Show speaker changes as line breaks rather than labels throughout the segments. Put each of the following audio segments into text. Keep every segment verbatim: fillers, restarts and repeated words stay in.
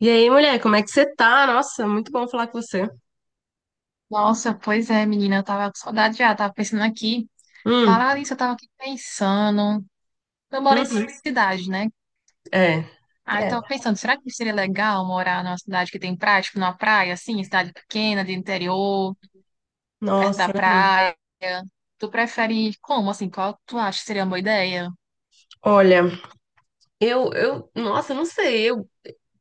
E aí, mulher, como é que você tá? Nossa, muito bom falar com você.
Nossa, pois é, menina, eu tava com saudade já, tava pensando aqui.
Hum.
Falar isso, eu tava aqui pensando. Eu moro em
Uhum.
cidade, né?
É,
Aí eu
é.
tava pensando, será que seria legal morar numa cidade que tem praia, tipo numa praia, assim, cidade pequena, de interior, perto da
Nossa, né?
praia? Tu prefere como, assim, qual tu acha que seria uma boa ideia?
Olha, eu, eu, nossa, eu não sei, eu,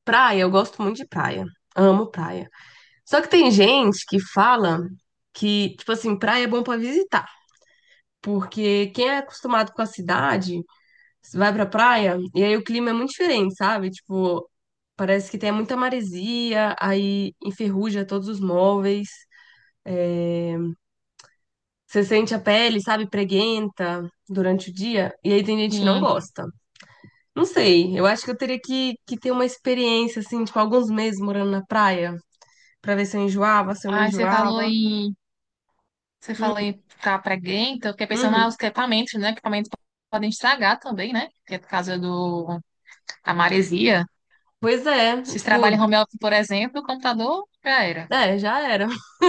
praia, eu gosto muito de praia. Amo praia. Só que tem gente que fala que, tipo assim, praia é bom pra visitar. Porque quem é acostumado com a cidade, vai pra praia, e aí o clima é muito diferente, sabe? Tipo, parece que tem muita maresia, aí enferruja todos os móveis. Você sente a pele, sabe, preguenta durante o dia, e aí tem gente que não
Sim.
gosta. Não sei, eu acho que eu teria que, que ter uma experiência, assim, tipo, alguns meses morando na praia, pra ver se eu enjoava, se eu não
Aí você falou
enjoava.
em, você falou em ficar preguenta, eu fiquei pensando
Uhum.
nos equipamentos, né? Equipamentos podem estragar também, né? Que é por causa do, da maresia.
Pois é,
Se
tipo,
trabalha em home office, por exemplo, o computador já era.
é, já era.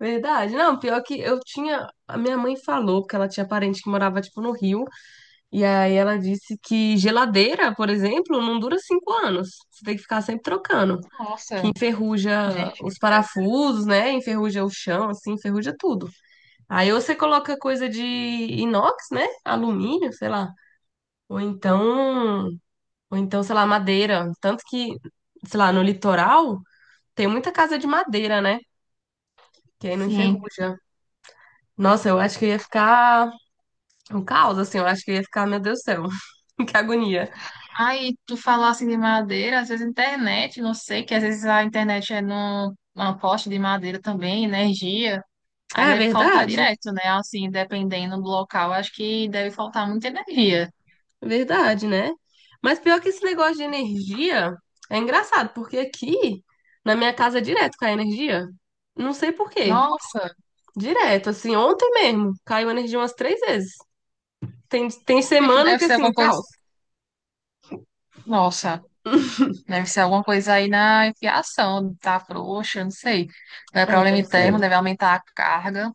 Verdade. Não, pior que eu tinha. A minha mãe falou que ela tinha parente que morava, tipo, no Rio, e aí ela disse que geladeira, por exemplo, não dura cinco anos. Você tem que ficar sempre trocando. Que
Nossa,
enferruja
gente
os
do céu.
parafusos, né? Enferruja o chão, assim, enferruja tudo. Aí ou você coloca coisa de inox, né? Alumínio, sei lá. Ou então, ou então, sei lá, madeira. Tanto que, sei lá, no litoral tem muita casa de madeira, né? Que aí não
Sim.
enferruja. Nossa, eu acho que eu ia ficar um caos, assim, eu acho que eu ia ficar, meu Deus do céu, que agonia.
Aí, tu falou assim de madeira, às vezes internet, não sei, que às vezes a internet é num, numa poste de madeira também, energia. Aí
Ah, é
deve faltar
verdade?
direto, né? Assim, dependendo do local, acho que deve faltar muita energia.
Verdade, né? Mas pior que esse negócio de energia é engraçado, porque aqui na minha casa direto cai energia. Não sei por quê.
Nossa,
Direto, assim, ontem mesmo caiu energia umas três vezes. Tem, tem
deve
semana
deve
que
ser
assim,
alguma coisa.
caos.
Nossa, deve ser alguma coisa aí na fiação, tá frouxa, não sei. Não é
É,
problema
deve ser.
interno, deve aumentar a carga.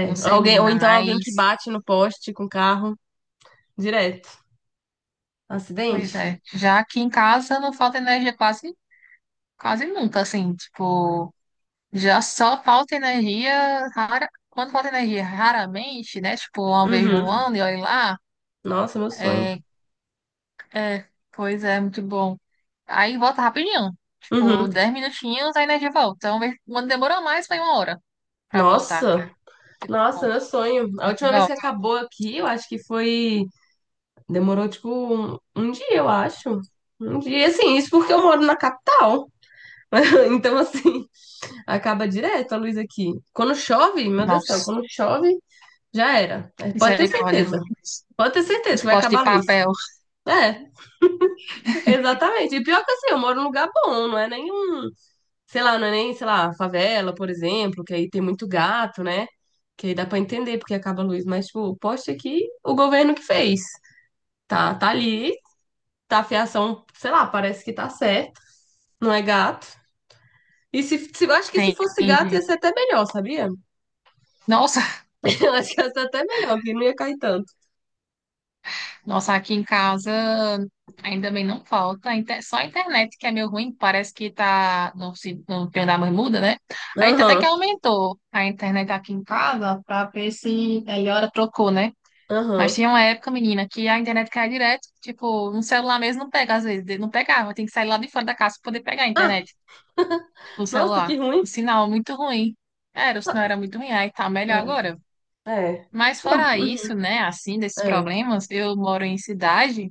Não sei,
alguém, ou
menina,
então alguém que
mas.
bate no poste com carro direto.
Pois
Acidente?
é. Já aqui em casa não falta energia quase, quase nunca, assim, tipo, já só falta energia rara, quando falta energia raramente, né? Tipo, uma vez no
Uhum.
ano e olha lá.
Nossa, meu sonho.
É, é, pois é, muito bom. Aí volta rapidinho. Tipo,
Uhum.
dez minutinhos a energia volta. então vez- Quando demora mais, foi uma hora pra voltar.
Nossa, nossa,
Tipo,
meu sonho. A
já te
última vez que
volta.
acabou aqui, eu acho que foi. Demorou, tipo, um, um dia, eu acho. Um dia, assim, isso porque eu moro na capital. Então, assim, acaba direto a luz aqui. Quando chove, meu Deus do céu,
Nossa,
quando chove, já era. É, pode ter
misericórdia.
certeza. Pode ter certeza que vai
Esporte
acabar
de
a luz.
papel.
É, exatamente. E pior que assim, eu moro num lugar bom, não é nenhum, sei lá, não é nem, sei lá, favela, por exemplo, que aí tem muito gato, né? Que aí dá pra entender porque acaba a luz. Mas, tipo, o poste aqui, o governo que fez. Tá, tá ali tá, a fiação, sei lá, parece que tá certo, não é gato. E se, se eu acho que se
Tem.
fosse gato ia ser até melhor, sabia?
Nossa.
Eu acho que ia ser até melhor, que não ia cair tanto.
Nossa, aqui em casa ainda bem não falta. A inter- Só a internet que é meio ruim, parece que tá no, se- no pior da bermuda, né? A gente até que
Aham,
aumentou a internet aqui em casa pra ver se melhora, trocou, né? Mas
aham.
tinha uma época, menina, que a internet caía direto, tipo, um celular mesmo não pega, às vezes, não pegava, tem que sair lá de fora da casa pra poder pegar a
Ah,
internet, o
nossa, que
celular.
ruim.
O sinal muito ruim. Era, o sinal era muito ruim, aí tá melhor
É,
agora.
é.
Mas
Não,
fora
uhum,
isso, né, assim, desses
é,
problemas, eu moro em cidade.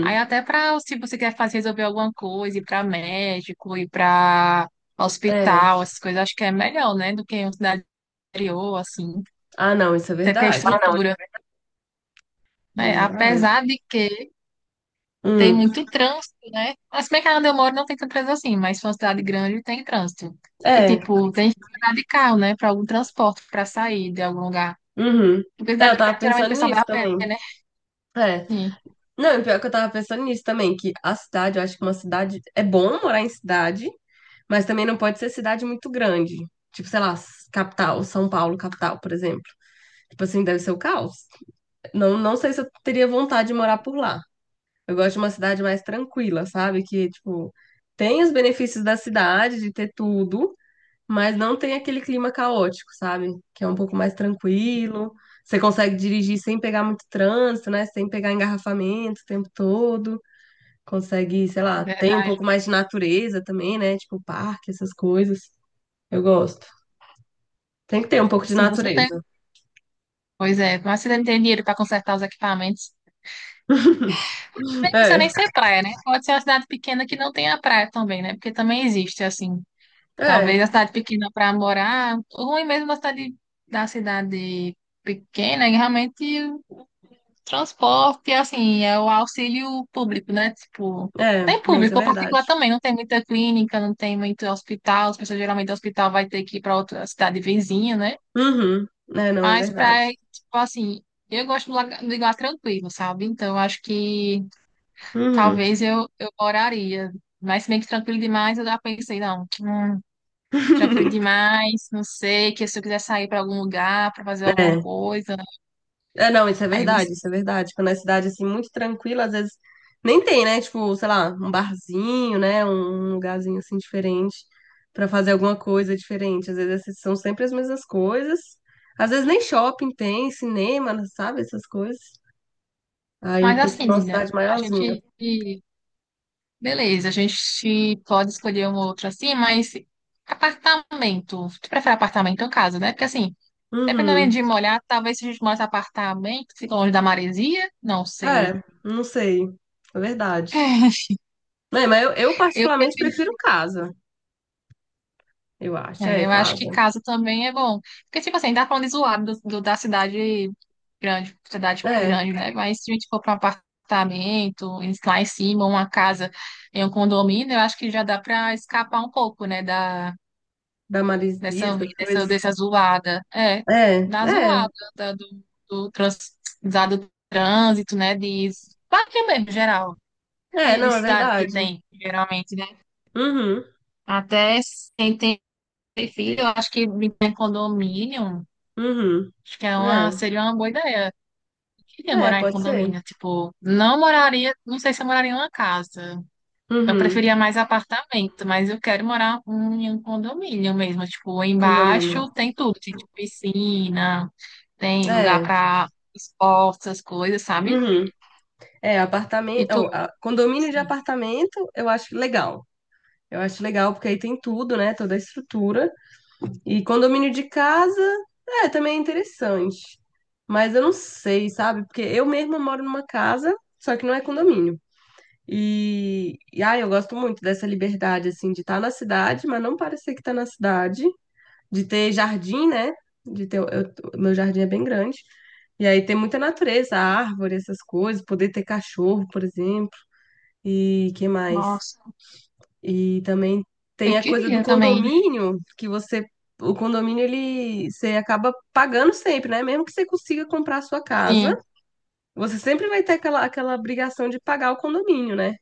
Aí até para se você quer fazer resolver alguma coisa, ir para médico, ir para
é.
hospital, essas coisas, acho que é melhor, né, do que em uma cidade interior, assim.
Ah, não, isso é
Até porque a Ah,
verdade.
não. estrutura,
É
né?
verdade.
Apesar de que tem
Hum,
muito trânsito, né? Mas como é que onde eu moro não tem tanto trânsito assim, mas se for uma cidade grande tem trânsito. E
é,
tipo, tem que andar de carro, né, para algum transporte, para sair de algum lugar.
uhum.
Porque
É,
cidade
eu
pequena,
tava
geralmente o
pensando
pessoal vai
nisso
a pé,
também.
né?
É.
Sim,
Não, e pior que eu tava pensando nisso também, que a cidade, eu acho que uma cidade. É bom morar em cidade, mas também não pode ser cidade muito grande. Tipo, sei lá, capital, São Paulo, capital, por exemplo. Tipo assim, deve ser o caos. Não, não sei se eu teria vontade de morar por lá. Eu gosto de uma cidade mais tranquila, sabe? Que, tipo, tem os benefícios da cidade, de ter tudo, mas não tem aquele clima caótico, sabe? Que é um pouco mais tranquilo. Você consegue dirigir sem pegar muito trânsito, né? Sem pegar engarrafamento o tempo todo. Consegue, sei lá, tem um
verdade.
pouco mais de natureza também, né? Tipo, parque, essas coisas. Eu gosto. Tem que ter um pouco de
Sim, você tem.
natureza.
Pois é, mas você não tem dinheiro para consertar os equipamentos. Nem precisa nem
É,
ser praia, né? Pode ser uma cidade pequena que não tenha praia também, né? Porque também existe, assim.
é,
Talvez a cidade pequena para morar, ruim mesmo a cidade, da cidade pequena, é realmente o transporte, assim, é o auxílio público, né? Tipo,
é,
tem
não, isso é
público, ou particular
verdade.
também, não tem muita clínica, não tem muito hospital, as pessoas geralmente do hospital vai ter que ir para outra cidade vizinha, né?
Uhum. É, não, é
Mas
verdade.
pra, tipo assim, eu gosto do lugar, do lugar tranquilo, sabe? Então, eu acho que
Uhum.
talvez eu, eu moraria. Mas se bem que tranquilo demais, eu já pensei, não, hum, tranquilo demais, não sei, que se eu quiser sair para algum lugar, para fazer alguma
É.
coisa,
É, não, isso é
aí não
verdade,
sei.
isso é verdade. Quando é cidade assim muito tranquila, às vezes nem tem, né? Tipo, sei lá, um barzinho, né? Um um lugarzinho assim diferente pra fazer alguma coisa diferente. Às vezes essas são sempre as mesmas coisas. Às vezes nem shopping tem, cinema, sabe? Essas coisas. Aí
Mas
tem que ser
assim,
uma
menina,
cidade
a
maiorzinha.
gente, beleza, a gente pode escolher uma outra assim, mas apartamento, tu prefere apartamento ou casa, né? Porque assim, dependendo
Uhum.
de molhar, talvez se a gente morasse em apartamento, fica longe da maresia, não sei.
É, não sei. É verdade. É, mas eu, eu
Eu
particularmente
prefiro
prefiro casa, eu acho. É,
é, eu acho que
casa.
casa também é bom. Porque, tipo assim, dá pra onde zoar do, do- da cidade grande, cidade
É,
grande, né? Mas se a gente for pra um apartamento, em- lá em cima, uma casa em um condomínio, eu acho que já dá pra escapar um pouco, né? Da,
da maresia,
dessa, vi-
essas
dessa,
coisas.
dessa zoada. É,
É,
da
é,
zoada, da- do, do, trans, da- do trânsito, né? De parque mesmo, geral.
é,
De, de
não, é
cidade que
verdade.
tem, geralmente, né?
Uhum,
Até sem ter filho, eu acho que em condomínio.
uhum.
Acho que é uma,
É,
seria uma boa ideia. Eu queria
é,
morar em
pode ser.
condomínio, tipo, não moraria, não sei se eu moraria em uma casa. Eu
Uhum,
preferia mais apartamento, mas eu quero morar um- em um condomínio mesmo. Tipo, embaixo
condomínio.
tem tudo, tem tipo, piscina, tem lugar
É,
para esportes, essas coisas, sabe?
uhum. É,
E
apartamento. Ó,
tudo,
a- condomínio de
sim.
apartamento, eu acho legal. Eu acho legal porque aí tem tudo, né? Toda a estrutura. E condomínio de casa, é, também é interessante. Mas eu não sei, sabe? Porque eu mesma moro numa casa, só que não é condomínio. E, e ai, eu gosto muito dessa liberdade, assim, de estar na cidade, mas não parecer que tá na cidade, de ter jardim, né? De ter, eu- meu jardim é bem grande. E aí tem muita natureza, árvore, essas coisas, poder ter cachorro, por exemplo. E que mais?
Nossa,
E também tem
eu
a coisa do
queria também.
condomínio, que você, o condomínio ele você acaba pagando sempre, né? Mesmo que você consiga comprar a sua casa,
Sim,
você sempre vai ter aquela, aquela obrigação de pagar o condomínio, né?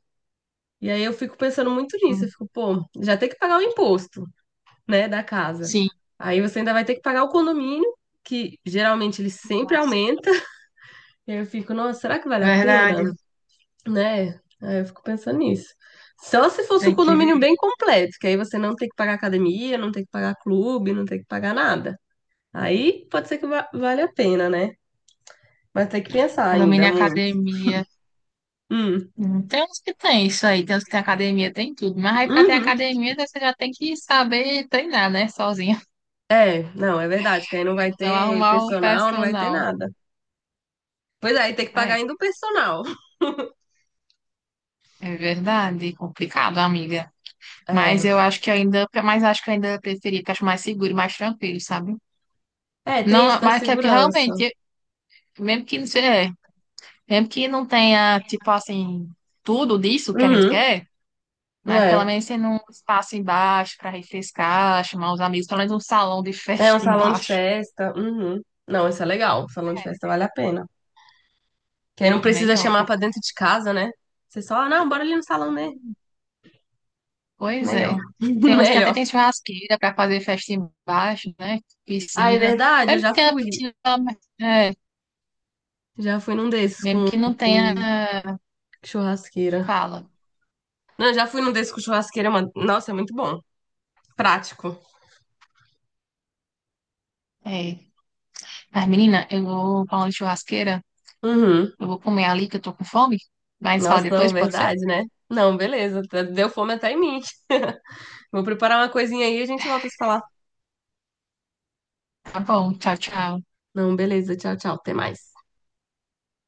E aí eu fico pensando muito nisso, eu fico, pô, já tem que pagar o imposto, né, da casa.
sim.
Aí você ainda vai ter que pagar o condomínio, que geralmente ele sempre
Nossa,
aumenta. E aí eu fico, nossa, será que vale a pena?
verdade.
Né? Aí eu fico pensando nisso. Só se fosse o
Tem que
condomínio
ver.
bem completo, que aí você não tem que pagar academia, não tem que pagar clube, não tem que pagar nada. Aí pode ser que va vale a pena, né? Mas tem que pensar ainda
Condomínio e
muito.
academia.
Hum,
Hum, Tem uns que tem isso aí, tem uns que tem academia, tem tudo. Mas aí pra ter
uhum.
academia, você já tem que saber treinar, né? Sozinho.
É, não, é verdade, que aí não vai
Então,
ter
arrumar o
personal, não vai ter
personal.
nada. Pois é, aí tem que pagar
É,
ainda o personal.
é verdade, complicado, amiga. Mas
É,
eu acho que ainda, mas acho que eu ainda preferia, porque acho mais seguro, e mais tranquilo, sabe?
é, tem isso
Não,
da
mas que é que
segurança.
realmente, mesmo que não seja, mesmo que não tenha, tipo assim, tudo disso que a gente
Uhum,
quer, mas pelo
é,
menos tem um espaço embaixo para refrescar, chamar os amigos, pelo menos um salão de
é um
festa
salão de
embaixo.
festa. Uhum. Não, isso é legal, salão de festa vale a pena. Que aí não
É
precisa
melhor,
chamar pra
porque
dentro de casa, né? Você só, ah, não, bora ali no salão dele.
assim, pois
Melhor.
é. Tem uns que até
Melhor.
tem churrasqueira para fazer festa embaixo, né?
Ah, é
Piscina.
verdade, eu
Mesmo que
já
tenha
fui.
piscina, mas, é,
Já fui num desses
mesmo
com,
que não tenha
com churrasqueira.
fala.
Não, eu já fui num desses com churrasqueira, mano. Nossa, é muito bom. Prático.
É. Mas, menina, eu vou falando de churrasqueira,
Uhum.
eu vou comer ali que eu tô com fome. Mas fala
Nossa,
depois, pode ser?
verdade, né? Não, beleza. tá- Deu fome até em mim. Vou preparar uma coisinha aí e a gente volta a se falar.
Tá bom, tchau, tchau.
Não, beleza. Tchau, tchau. Até mais.